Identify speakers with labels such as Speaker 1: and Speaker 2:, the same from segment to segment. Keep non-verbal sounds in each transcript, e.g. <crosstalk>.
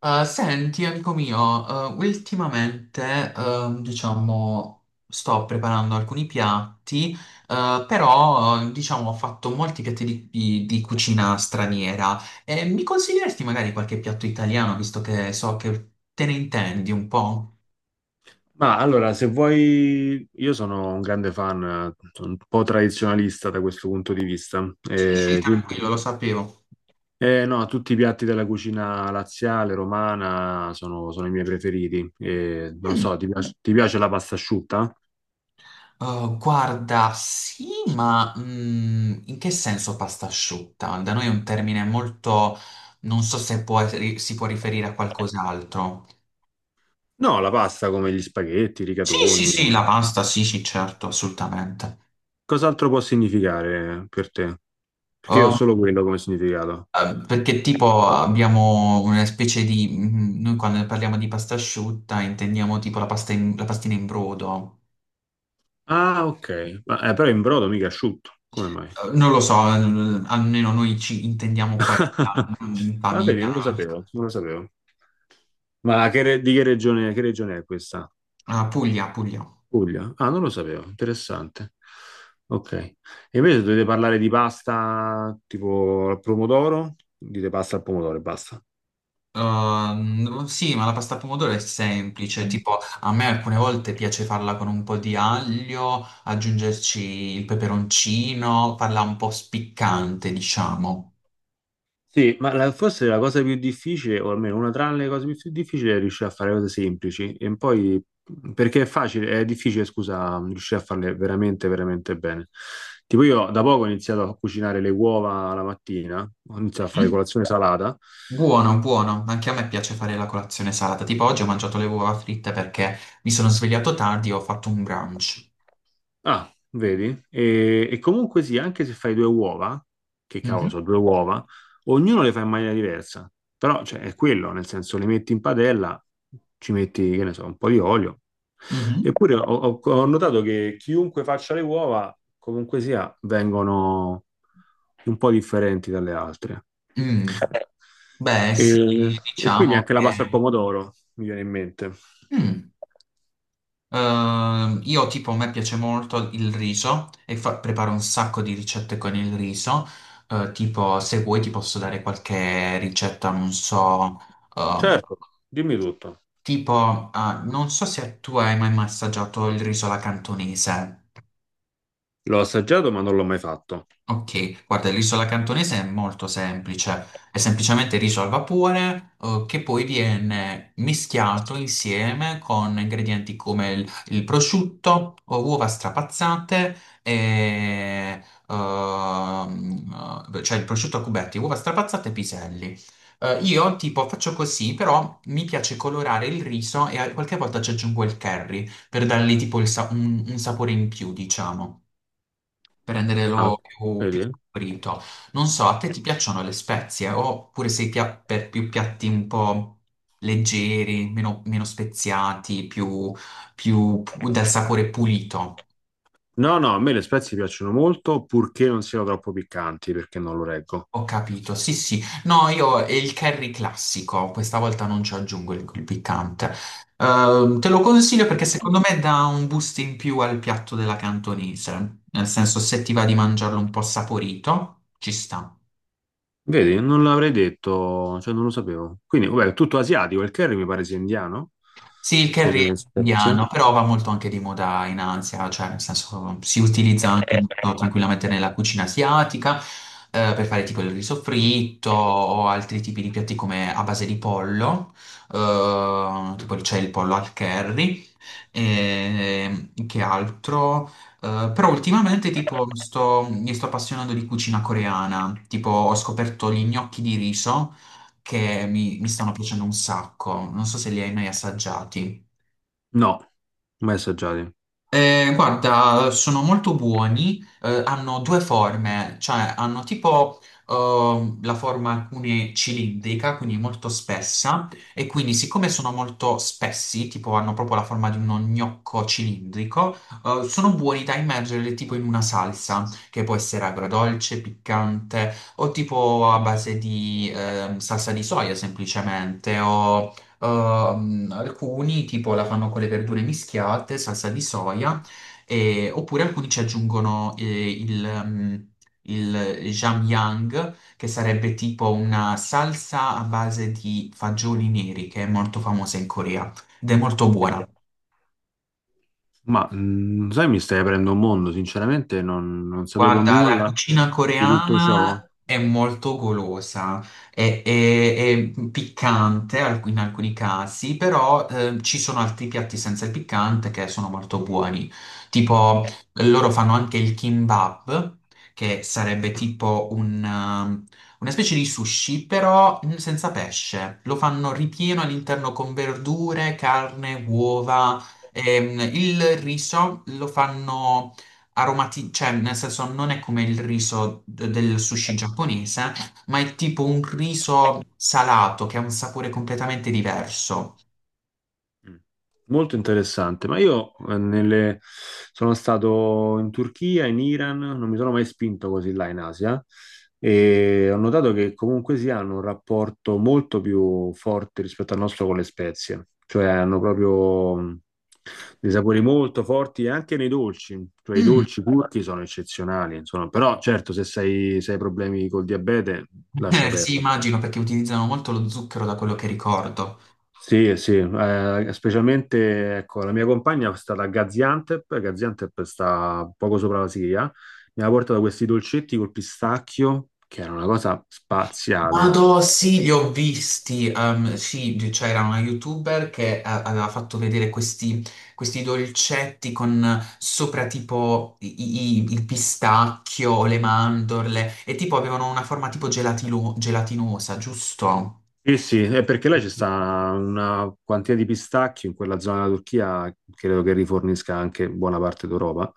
Speaker 1: Senti, amico mio, ultimamente, diciamo, sto preparando alcuni piatti, però, diciamo, ho fatto molti piatti di cucina straniera. E mi consiglieresti magari qualche piatto italiano, visto che so che te ne intendi un po'?
Speaker 2: Ma allora, se vuoi, io sono un grande fan, sono un po' tradizionalista da questo punto di vista.
Speaker 1: Sì, sì, sì,
Speaker 2: Quindi,
Speaker 1: tranquillo, lo sapevo.
Speaker 2: no, tutti i piatti della cucina laziale, romana, sono i miei preferiti. Non
Speaker 1: Mm,
Speaker 2: so, ti piace la pasta asciutta?
Speaker 1: guarda, sì, ma in che senso pasta asciutta? Da noi è un termine molto Non so se può- si può riferire a qualcos'altro.
Speaker 2: No, la pasta come gli spaghetti, i
Speaker 1: Sì, sì,
Speaker 2: rigatoni.
Speaker 1: sì, la pasta, sì, sì, certo, assolutamente.
Speaker 2: Cos'altro può significare per te? Perché io ho
Speaker 1: Um,
Speaker 2: solo quello come significato.
Speaker 1: Perché tipo abbiamo una specie di noi quando parliamo di pasta asciutta intendiamo tipo la la pastina in brodo.
Speaker 2: Ah, ok. Ma, però in brodo mica asciutto. Come mai?
Speaker 1: Non lo so, almeno noi ci intendiamo quella,
Speaker 2: <laughs>
Speaker 1: in
Speaker 2: Va bene,
Speaker 1: famiglia, no?
Speaker 2: non lo sapevo. Di che che regione è questa?
Speaker 1: Ah, Puglia, Puglia.
Speaker 2: Puglia? Ah, non lo sapevo, interessante. Ok. E invece dovete parlare di pasta tipo al pomodoro? Dite pasta al pomodoro e basta.
Speaker 1: Sì, ma la pasta al pomodoro è semplice, tipo a me alcune volte piace farla con un po' di aglio, aggiungerci il peperoncino, farla un po' spiccante, diciamo.
Speaker 2: Sì, ma forse la cosa più difficile, o almeno una tra le cose più difficili, è riuscire a fare cose semplici e perché è facile, è difficile, scusa, riuscire a farle veramente bene. Tipo io da poco ho iniziato a cucinare le uova la mattina, ho iniziato a fare colazione salata.
Speaker 1: Buono, buono, anche a me piace fare la colazione salata, tipo oggi ho mangiato le uova fritte perché mi sono svegliato tardi e ho fatto un brunch.
Speaker 2: Ah, vedi? E comunque sì, anche se fai due uova, che cavolo,
Speaker 1: Mhm,
Speaker 2: sono due uova, ognuno le fa in maniera diversa. Però, cioè, è quello, nel senso, le metti in padella, ci metti, che ne so, un po' di olio.
Speaker 1: mhm.
Speaker 2: Eppure ho notato che chiunque faccia le uova, comunque sia, vengono un po' differenti dalle altre.
Speaker 1: Mm. Beh,
Speaker 2: E,
Speaker 1: sì,
Speaker 2: e quindi
Speaker 1: diciamo
Speaker 2: anche la
Speaker 1: che...
Speaker 2: pasta al pomodoro mi viene in mente.
Speaker 1: Mm. Io tipo a me piace molto il riso e preparo un sacco di ricette con il riso. Tipo, se vuoi ti posso dare qualche ricetta, non so, ehm,
Speaker 2: Certo, dimmi tutto.
Speaker 1: tipo, ah, non so se tu hai mai assaggiato il riso alla cantonese.
Speaker 2: L'ho assaggiato, ma non l'ho mai fatto.
Speaker 1: Ok, guarda, l'isola cantonese è molto semplice, è semplicemente riso al vapore, che poi viene mischiato insieme con ingredienti come il prosciutto, o uova strapazzate e, cioè il prosciutto a cubetti, uova strapazzate e piselli. Io tipo faccio così, però mi piace colorare il riso e qualche volta ci aggiungo il curry per dargli tipo il un sapore in più, diciamo, per
Speaker 2: Ah,
Speaker 1: renderlo più, più
Speaker 2: vedi?
Speaker 1: saporito. Non so, a te ti piacciono le spezie oppure sei per più piatti un po' leggeri, meno, meno speziati, più, più dal sapore pulito?
Speaker 2: No, no, a me le spezie piacciono molto, purché non siano troppo piccanti, perché non lo reggo.
Speaker 1: Ho capito, sì sì. No, io è il curry classico, questa volta non ci aggiungo il piccante. Te lo consiglio perché secondo me dà un boost in più al piatto della cantonese, nel senso se ti va di mangiarlo un po' saporito, ci sta.
Speaker 2: Vedi, non l'avrei detto, cioè non lo sapevo. Quindi, vabbè, è tutto asiatico, il curry mi pare sia indiano,
Speaker 1: Sì, il curry è
Speaker 2: come spezia.
Speaker 1: indiano, però va molto anche di moda in Asia, cioè nel senso si utilizza anche molto tranquillamente nella cucina asiatica, per fare tipo il riso fritto o altri tipi di piatti come a base di pollo, tipo c'è il pollo al curry, e che altro? Però ultimamente mi sto appassionando di cucina coreana, tipo ho scoperto gli gnocchi di riso che mi stanno piacendo un sacco. Non so se li hai mai assaggiati.
Speaker 2: No, mai assaggiati.
Speaker 1: Guarda, sono molto buoni, hanno due forme, cioè hanno tipo la forma alcune cilindrica, quindi molto spessa, e quindi siccome sono molto spessi, tipo hanno proprio la forma di uno gnocco cilindrico, sono buoni da immergere tipo in una salsa, che può essere agrodolce, piccante, o tipo a base di salsa di soia semplicemente. Alcuni tipo la fanno con le verdure mischiate, salsa di soia, oppure alcuni ci aggiungono il Jamyang, che sarebbe tipo una salsa a base di fagioli neri, che è molto famosa in Corea ed è molto buona.
Speaker 2: Ma, mm, sai, mi stai aprendo un mondo, sinceramente non sapevo
Speaker 1: Guarda, la
Speaker 2: nulla
Speaker 1: cucina
Speaker 2: di tutto ciò.
Speaker 1: coreana è molto golosa, è, è- è piccante in alcuni casi, però ci sono altri piatti senza il piccante che sono molto buoni. Tipo, loro fanno anche il kimbap, che sarebbe tipo un, una specie di sushi, però senza pesce. Lo fanno ripieno all'interno con verdure, carne, uova. Il riso lo fanno aromati, cioè nel senso non è come il riso del sushi giapponese, ma è tipo un riso salato che ha un sapore completamente diverso.
Speaker 2: Mm. Molto interessante, ma io sono stato in Turchia, in Iran, non mi sono mai spinto così là in Asia e ho notato che comunque si hanno un rapporto molto più forte rispetto al nostro con le spezie, cioè hanno proprio dei sapori molto forti e anche nei dolci, cioè i
Speaker 1: Mm.
Speaker 2: dolci turchi sono eccezionali, insomma, però certo se hai problemi col diabete lascia
Speaker 1: <laughs> Sì,
Speaker 2: perdere.
Speaker 1: immagino perché utilizzano molto lo zucchero da quello che ricordo.
Speaker 2: Sì, sì, specialmente ecco, la mia compagna è stata a Gaziantep, Gaziantep sta poco sopra la Siria, mi ha portato questi dolcetti col pistacchio, che era una cosa spaziale.
Speaker 1: Vado, sì, li ho visti. Sì, c'era una YouTuber che aveva fatto vedere questi, questi dolcetti con sopra tipo il pistacchio, o le mandorle e tipo avevano una forma tipo gelatinosa, giusto?
Speaker 2: Sì, sì, è perché là c'è sta una quantità di pistacchio in quella zona della Turchia, credo che rifornisca anche buona parte d'Europa.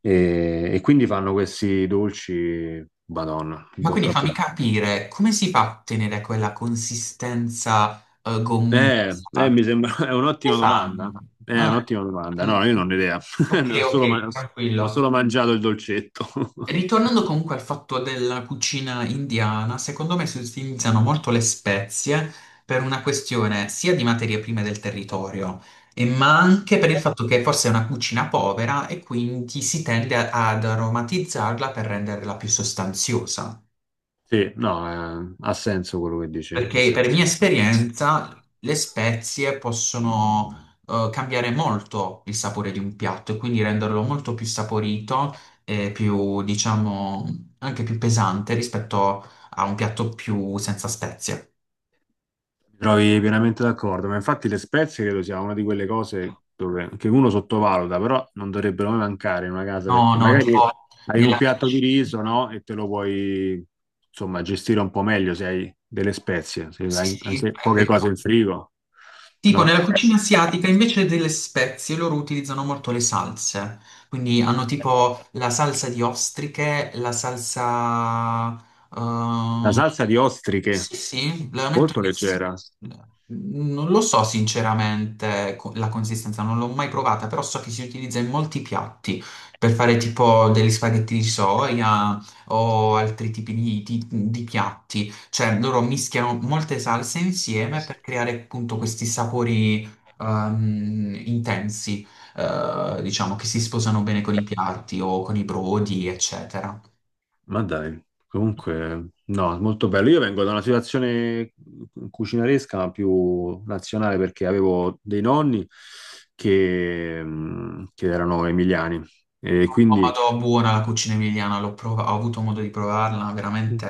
Speaker 2: E quindi fanno questi dolci, Madonna, un
Speaker 1: Ma
Speaker 2: po'
Speaker 1: quindi fammi
Speaker 2: troppo.
Speaker 1: capire, come si fa a ottenere quella consistenza gommosa?
Speaker 2: Mi sembra, <laughs> è
Speaker 1: Come
Speaker 2: un'ottima domanda.
Speaker 1: fanno?
Speaker 2: È
Speaker 1: Ah,
Speaker 2: un'ottima domanda.
Speaker 1: mm,
Speaker 2: No, io non ho idea. <laughs>
Speaker 1: ok,
Speaker 2: Ne Ho solo, ma-
Speaker 1: ok,
Speaker 2: Ho
Speaker 1: tranquillo.
Speaker 2: solo mangiato il dolcetto.
Speaker 1: Ritornando
Speaker 2: <laughs>
Speaker 1: comunque al fatto della cucina indiana, secondo me si utilizzano molto le spezie per una questione sia di materie prime del territorio, e ma anche per il fatto che forse è una cucina povera e quindi si tende ad aromatizzarla per renderla più sostanziosa.
Speaker 2: Sì, no, ha senso quello che dici, ha
Speaker 1: Perché per mia
Speaker 2: senso.
Speaker 1: esperienza le spezie possono cambiare molto il sapore di un piatto e quindi renderlo molto più saporito e più, diciamo, anche più pesante rispetto a un piatto più senza spezie.
Speaker 2: Mi trovi pienamente d'accordo, ma infatti le spezie credo sia una di quelle cose dove, che uno sottovaluta, però non dovrebbero mai mancare in una casa
Speaker 1: No,
Speaker 2: perché
Speaker 1: no,
Speaker 2: magari
Speaker 1: tipo
Speaker 2: hai un
Speaker 1: nella...
Speaker 2: piatto di riso, no? E te lo puoi, insomma, gestire un po' meglio se hai delle spezie, se
Speaker 1: Sì,
Speaker 2: hai
Speaker 1: sì,
Speaker 2: anche
Speaker 1: è
Speaker 2: poche
Speaker 1: vero.
Speaker 2: cose in frigo,
Speaker 1: Tipo
Speaker 2: no?
Speaker 1: nella cucina asiatica invece delle spezie loro utilizzano molto le salse, quindi hanno tipo la salsa di ostriche, la salsa...
Speaker 2: La
Speaker 1: ehm,
Speaker 2: salsa di
Speaker 1: Sì,
Speaker 2: ostriche,
Speaker 1: sì, la metto
Speaker 2: molto leggera.
Speaker 1: in- non lo so sinceramente la consistenza, non l'ho mai provata, però so che si utilizza in molti piatti per fare tipo degli spaghetti di soia o altri tipi di piatti. Cioè loro mischiano molte salse insieme per creare appunto questi sapori intensi, diciamo, che si sposano bene con i piatti o con i brodi, eccetera.
Speaker 2: Ma dai, comunque, no, molto bello. Io vengo da una situazione cucinaresca, ma più nazionale, perché avevo dei nonni che erano emiliani e
Speaker 1: Oh,
Speaker 2: quindi,
Speaker 1: madò, buona la cucina emiliana, ho avuto modo di provarla,
Speaker 2: mm,
Speaker 1: veramente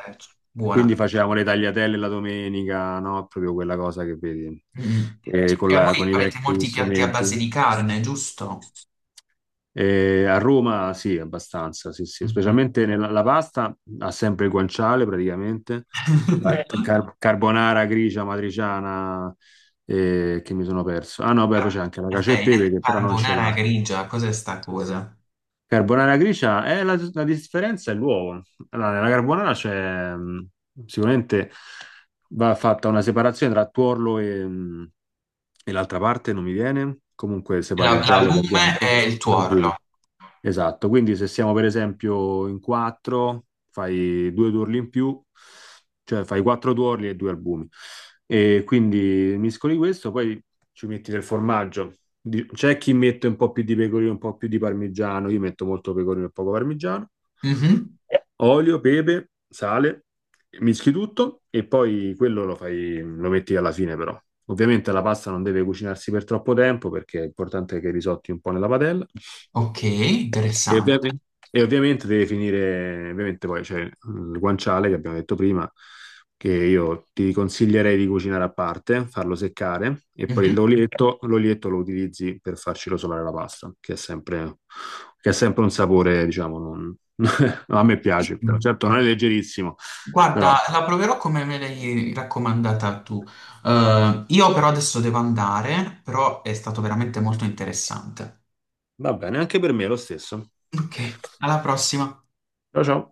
Speaker 1: buona.
Speaker 2: quindi facevamo le tagliatelle la domenica, no? Proprio quella cosa che vedi,
Speaker 1: Mm.
Speaker 2: con
Speaker 1: E voi
Speaker 2: con i
Speaker 1: avete
Speaker 2: vecchi
Speaker 1: molti piatti a
Speaker 2: strumenti.
Speaker 1: base di carne, giusto?
Speaker 2: A Roma sì, abbastanza, sì, sì.
Speaker 1: Mhm.
Speaker 2: Specialmente nella la pasta ha sempre il guanciale praticamente. Cioè,
Speaker 1: <laughs>
Speaker 2: carbonara grigia, matriciana, che mi sono perso. Ah no, beh, poi c'è anche la cacio e
Speaker 1: Hai
Speaker 2: pepe
Speaker 1: detto
Speaker 2: che però non ce
Speaker 1: carbonara
Speaker 2: l'ha.
Speaker 1: grigia, cos'è sta cosa?
Speaker 2: Carbonara grigia, la differenza è l'uovo. Allora, nella carbonara c'è sicuramente va fatta una separazione tra tuorlo e l'altra parte, non mi viene. Comunque separi il giallo dal
Speaker 1: L'albume
Speaker 2: bianco,
Speaker 1: e il
Speaker 2: dal buio.
Speaker 1: tuorlo.
Speaker 2: Esatto, quindi se siamo per esempio in quattro, fai due tuorli in più, cioè fai quattro tuorli e due albumi. E quindi miscoli questo, poi ci metti del formaggio. C'è chi mette un po' più di pecorino, un po' più di parmigiano, io metto molto pecorino e poco parmigiano.
Speaker 1: Mhm.
Speaker 2: Olio, pepe, sale, mischi tutto e poi quello lo fai, lo metti alla fine però. Ovviamente la pasta non deve cucinarsi per troppo tempo perché è importante che risotti un po' nella padella.
Speaker 1: Ok,
Speaker 2: E,
Speaker 1: interessante.
Speaker 2: ovviamente, e ovviamente deve finire, ovviamente poi c'è il guanciale che abbiamo detto prima, che io ti consiglierei di cucinare a parte, farlo seccare e poi
Speaker 1: Mhm.
Speaker 2: l'olietto lo utilizzi per farci rosolare la pasta, che è sempre un sapore, diciamo, <laughs> a me piace, però
Speaker 1: Benissimo.
Speaker 2: certo non è leggerissimo,
Speaker 1: Guarda,
Speaker 2: però
Speaker 1: la proverò come me l'hai raccomandata tu. Io però adesso devo andare, però è stato veramente molto interessante.
Speaker 2: va bene, anche per me è lo stesso.
Speaker 1: Ok, alla prossima.
Speaker 2: Ciao ciao.